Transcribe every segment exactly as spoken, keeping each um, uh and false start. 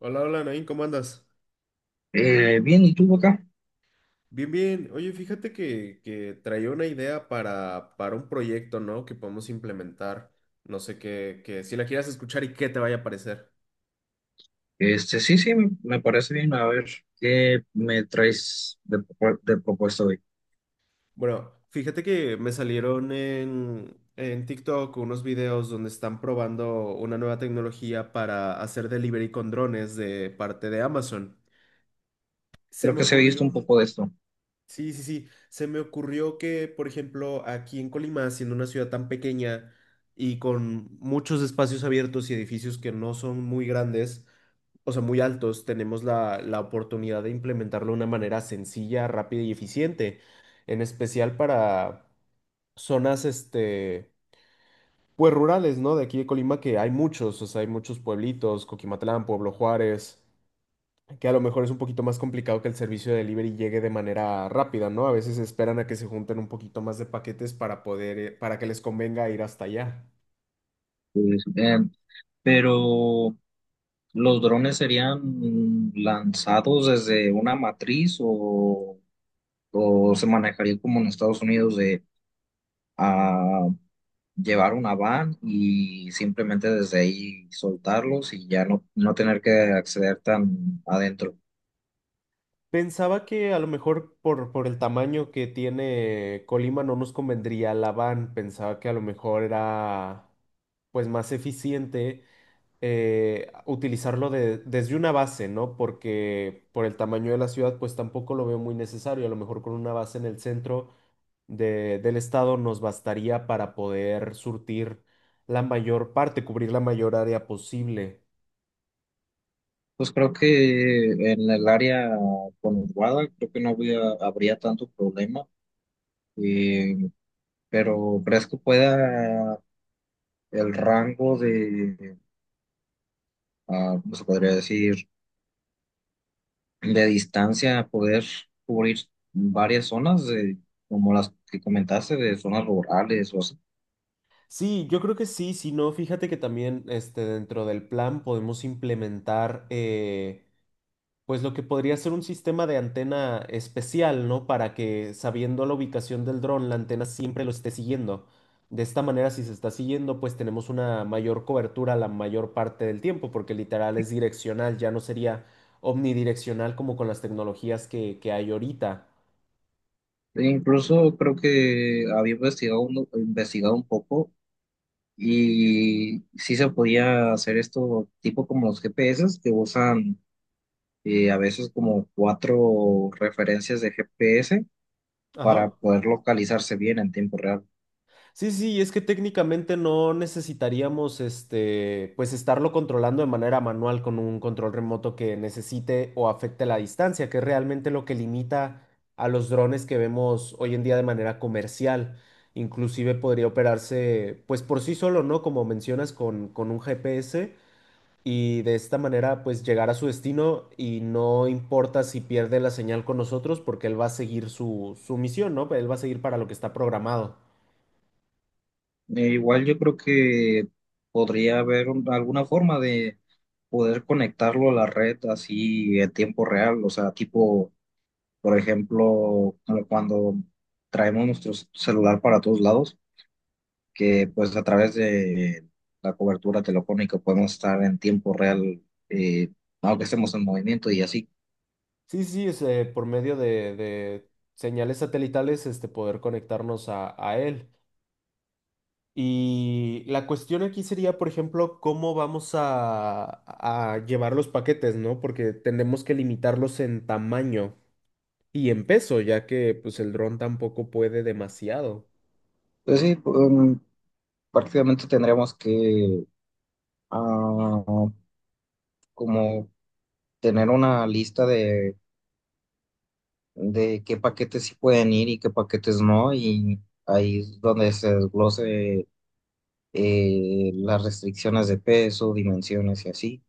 Hola, hola, Nain, ¿cómo andas? Eh, bien, ¿y tú Boca? Bien, bien. Oye, fíjate que, que traía una idea para, para un proyecto, ¿no? Que podemos implementar. No sé qué, que si la quieras escuchar y qué te vaya a parecer. Este, sí, sí, me, me parece bien. A ver, ¿qué me traes de, propu- de propuesta hoy? Bueno, fíjate que me salieron en, en TikTok unos videos donde están probando una nueva tecnología para hacer delivery con drones de parte de Amazon. Se Creo me que se ha visto un ocurrió. poco de esto. Sí, sí, sí. Se me ocurrió que, por ejemplo, aquí en Colima, siendo una ciudad tan pequeña y con muchos espacios abiertos y edificios que no son muy grandes, o sea, muy altos, tenemos la, la oportunidad de implementarlo de una manera sencilla, rápida y eficiente, en especial para zonas, este, pues rurales, ¿no? De aquí de Colima, que hay muchos, o sea, hay muchos pueblitos, Coquimatlán, Pueblo Juárez que a lo mejor es un poquito más complicado que el servicio de delivery llegue de manera rápida, ¿no? A veces esperan a que se junten un poquito más de paquetes para poder, eh, para que les convenga ir hasta allá. Pues, eh, pero, ¿los drones serían lanzados desde una matriz o, o se manejaría como en Estados Unidos de ah, llevar una van y simplemente desde ahí soltarlos y ya no, no tener que acceder tan adentro? Pensaba que a lo mejor por, por el tamaño que tiene Colima no nos convendría la van. Pensaba que a lo mejor era pues más eficiente eh, utilizarlo de- desde una base, ¿no? Porque por el tamaño de la ciudad pues tampoco lo veo muy necesario. A lo mejor con una base en el centro de- del estado nos bastaría para poder surtir la mayor parte, cubrir la mayor área posible. Pues creo que en el área conurbada creo que no había- habría tanto problema, eh, pero ¿crees que pueda el rango de, ah, ¿cómo se podría decir, de distancia poder cubrir varias zonas, de- como las que comentaste, de zonas rurales o así? Sí, yo creo que sí, si no, fíjate que también este, dentro del plan podemos implementar eh, pues lo que podría ser un sistema de antena especial, ¿no? Para que sabiendo la ubicación del dron, la antena siempre lo esté siguiendo. De esta manera, si se está siguiendo, pues tenemos una mayor cobertura la mayor parte del tiempo, porque literal es direccional, ya no sería omnidireccional como con las tecnologías que, que hay ahorita. E incluso creo que había investigado un, investigado un poco y sí se podía hacer esto tipo como los G P S que usan y a veces como cuatro referencias de G P S para Ajá. poder localizarse bien en tiempo real. Sí, sí, es que técnicamente no necesitaríamos este, pues estarlo controlando de manera manual con un control remoto que necesite o afecte la distancia, que es realmente lo que limita a los drones que vemos hoy en día de manera comercial. Inclusive podría operarse pues por sí solo, ¿no? Como mencionas, con, con un G P S y de esta manera pues llegar a su destino y no importa si pierde la señal con nosotros porque él va a seguir su, su misión, ¿no? Él va a seguir para lo que está programado. Eh, igual yo creo que podría haber un- alguna forma de poder conectarlo a la red así en tiempo real, o sea, tipo, por ejemplo, como cuando traemos nuestro celular para todos lados, que pues a través de la cobertura telefónica podemos estar en tiempo real, eh, aunque estemos en movimiento y así. Sí, sí, es, eh, por medio de, de señales satelitales, este, poder conectarnos a, a él. Y la cuestión aquí sería, por ejemplo, cómo vamos a, a llevar los paquetes, ¿no? Porque tenemos que limitarlos en tamaño y en peso, ya que pues el dron tampoco puede demasiado. Pues sí, mm, prácticamente tendríamos que ah, como tener una lista de, de qué paquetes sí pueden ir y qué paquetes no, y ahí es donde se desglose eh, las restricciones de peso, dimensiones y así.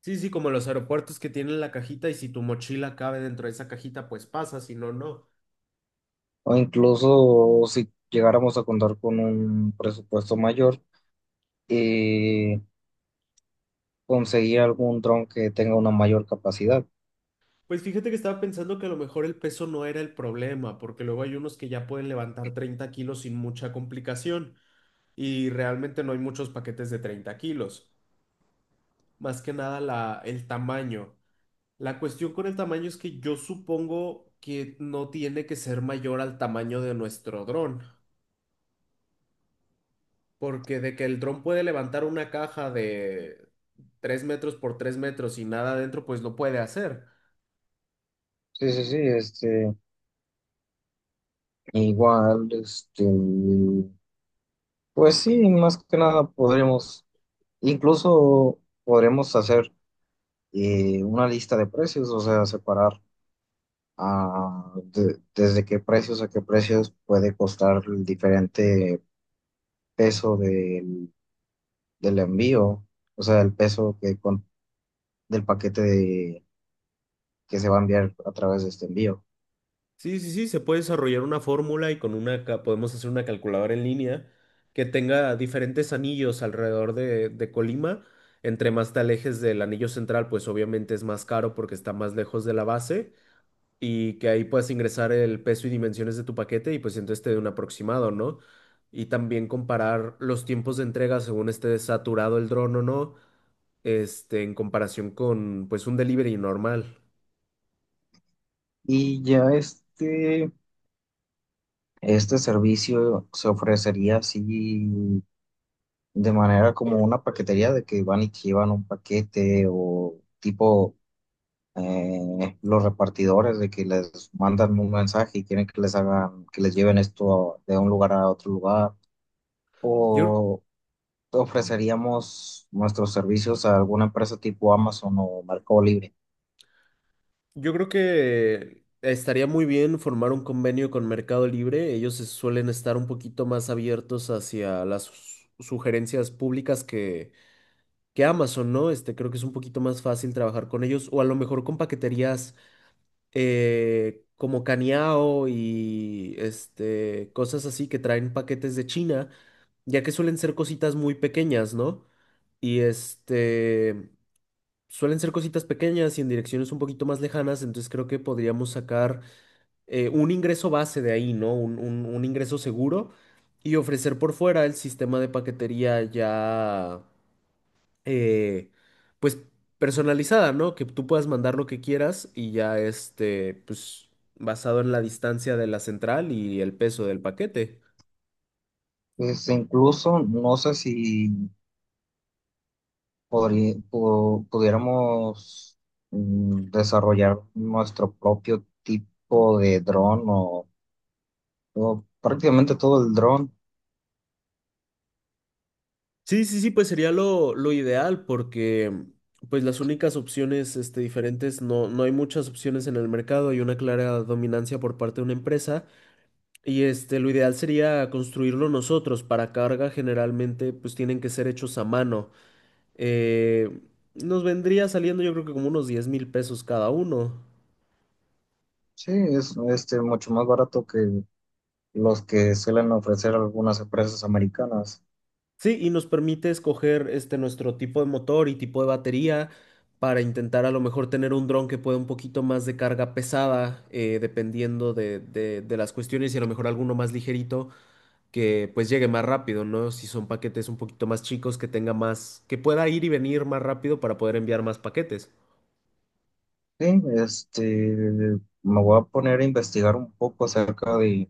Sí, sí, como los aeropuertos que tienen la cajita y si tu mochila cabe dentro de esa cajita, pues pasa, si no, no. O incluso si llegáramos a contar con un presupuesto mayor, eh, conseguir algún dron que tenga una mayor capacidad. Pues fíjate que estaba pensando que a lo mejor el peso no era el problema, porque luego hay unos que ya pueden levantar treinta kilos sin mucha complicación y realmente no hay muchos paquetes de treinta kilos, más que nada la, el tamaño. La cuestión con el tamaño es que yo supongo que no tiene que ser mayor al tamaño de nuestro dron, porque de que el dron puede levantar una caja de tres metros por tres metros y nada adentro, pues lo puede hacer. Sí, sí, sí, este, igual, este, pues sí, más que nada podremos, incluso podremos hacer eh, una lista de precios, o sea, separar ah, de- desde qué precios a qué precios puede costar el diferente peso del, del envío, o sea, el peso que con- del paquete de- que se va a enviar a través de este envío. Sí, sí, sí, se puede desarrollar una fórmula y con una ca- podemos hacer una calculadora en línea que tenga diferentes anillos alrededor de, de Colima. Entre más te alejes del anillo central, pues obviamente es más caro porque está más lejos de la base y que ahí puedas ingresar el peso y dimensiones de tu paquete y pues entonces te dé un aproximado, ¿no? Y también comparar los tiempos de entrega según esté saturado el dron o no, este, en comparación con pues un delivery normal. Y ya este, este servicio se ofrecería así de manera como una paquetería de que van y te llevan un paquete o tipo eh, los repartidores de que les mandan un mensaje y quieren que les hagan, que les lleven esto de un lugar a otro lugar. Yo O ofreceríamos nuestros servicios a alguna empresa tipo Amazon o Mercado Libre. Yo creo que estaría muy bien formar un convenio con Mercado Libre. Ellos se suelen estar un poquito más abiertos hacia las sus- sugerencias públicas que, que Amazon, ¿no? Este, creo que es un poquito más fácil trabajar con ellos o a lo mejor con paqueterías eh, como Caniao y este, cosas así que traen paquetes de China, ya que suelen ser cositas muy pequeñas, ¿no? Y este... Suelen ser cositas pequeñas y en direcciones un poquito más lejanas, entonces creo que podríamos sacar eh, un ingreso base de ahí, ¿no? Un, un- un ingreso seguro y ofrecer por fuera el sistema de paquetería ya, eh, pues, personalizada, ¿no? Que tú puedas mandar lo que quieras y ya, este, pues, basado en la distancia de la central y el peso del paquete. Pues incluso no sé si podrí- pu- pudiéramos mm, desarrollar nuestro propio tipo de dron o o prácticamente todo el dron. Sí, sí, sí, pues sería lo, lo ideal porque pues las únicas opciones este, diferentes, no, no hay muchas opciones en el mercado, hay una clara dominancia por parte de una empresa y este, lo ideal sería construirlo nosotros. Para carga generalmente pues tienen que ser hechos a mano. Eh, nos vendría saliendo yo creo que como unos diez mil pesos cada uno. Sí, es este, mucho más barato que los que suelen ofrecer algunas empresas americanas. Sí, y nos permite escoger este nuestro tipo de motor y tipo de batería para intentar a lo mejor tener un dron que pueda un poquito más de carga pesada, eh, dependiendo de, de- de las cuestiones, y a lo mejor alguno más ligerito que pues llegue más rápido, ¿no? Si son paquetes un poquito más chicos, que tenga más, que pueda ir y venir más rápido para poder enviar más paquetes. Sí, este, me voy a poner a investigar un poco acerca de,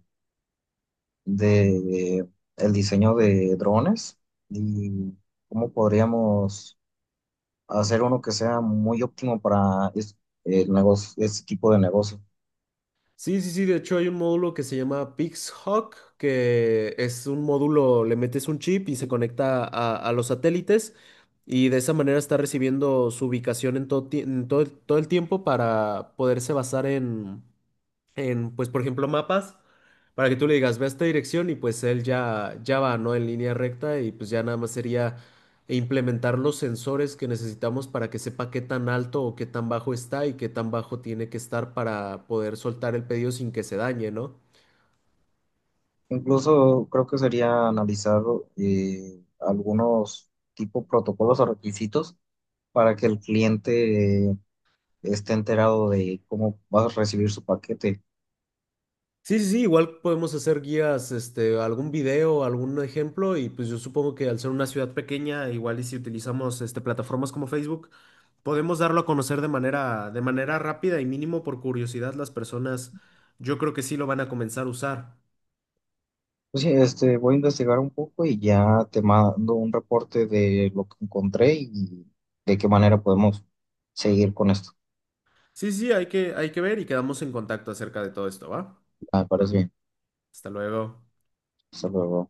de el diseño de drones y cómo podríamos hacer uno que sea muy óptimo para es- el negocio, este tipo de negocio. Sí, sí, sí, de hecho hay un módulo que se llama PixHawk, que es un módulo, le metes un chip y se conecta a, a los satélites y de esa manera está recibiendo su ubicación en todo, ti- en todo, el todo el tiempo para poderse basar en, en, pues, por ejemplo, mapas, para que tú le digas, ve a esta dirección y pues él ya, ya va, ¿no? En línea recta y pues ya nada más sería implementar los sensores que necesitamos para que sepa qué tan alto o qué tan bajo está y qué tan bajo tiene que estar para poder soltar el pedido sin que se dañe, ¿no? Incluso creo que sería analizar eh, algunos tipo protocolos o requisitos para que el cliente eh, esté enterado de cómo vas a recibir su paquete. Sí, sí, sí, igual podemos hacer guías, este, algún video, algún ejemplo, y pues yo supongo que al ser una ciudad pequeña, igual y si utilizamos este, plataformas como Facebook, podemos darlo a conocer de manera, de manera rápida y mínimo por curiosidad las personas, yo creo que sí lo van a comenzar a usar. Pues sí, este, voy a investigar un poco y ya te mando un reporte de lo que encontré y de qué manera podemos seguir con esto. Sí, sí, hay que, hay que ver y quedamos en contacto acerca de todo esto, ¿va? Ah, me parece bien. Hasta luego. Hasta luego.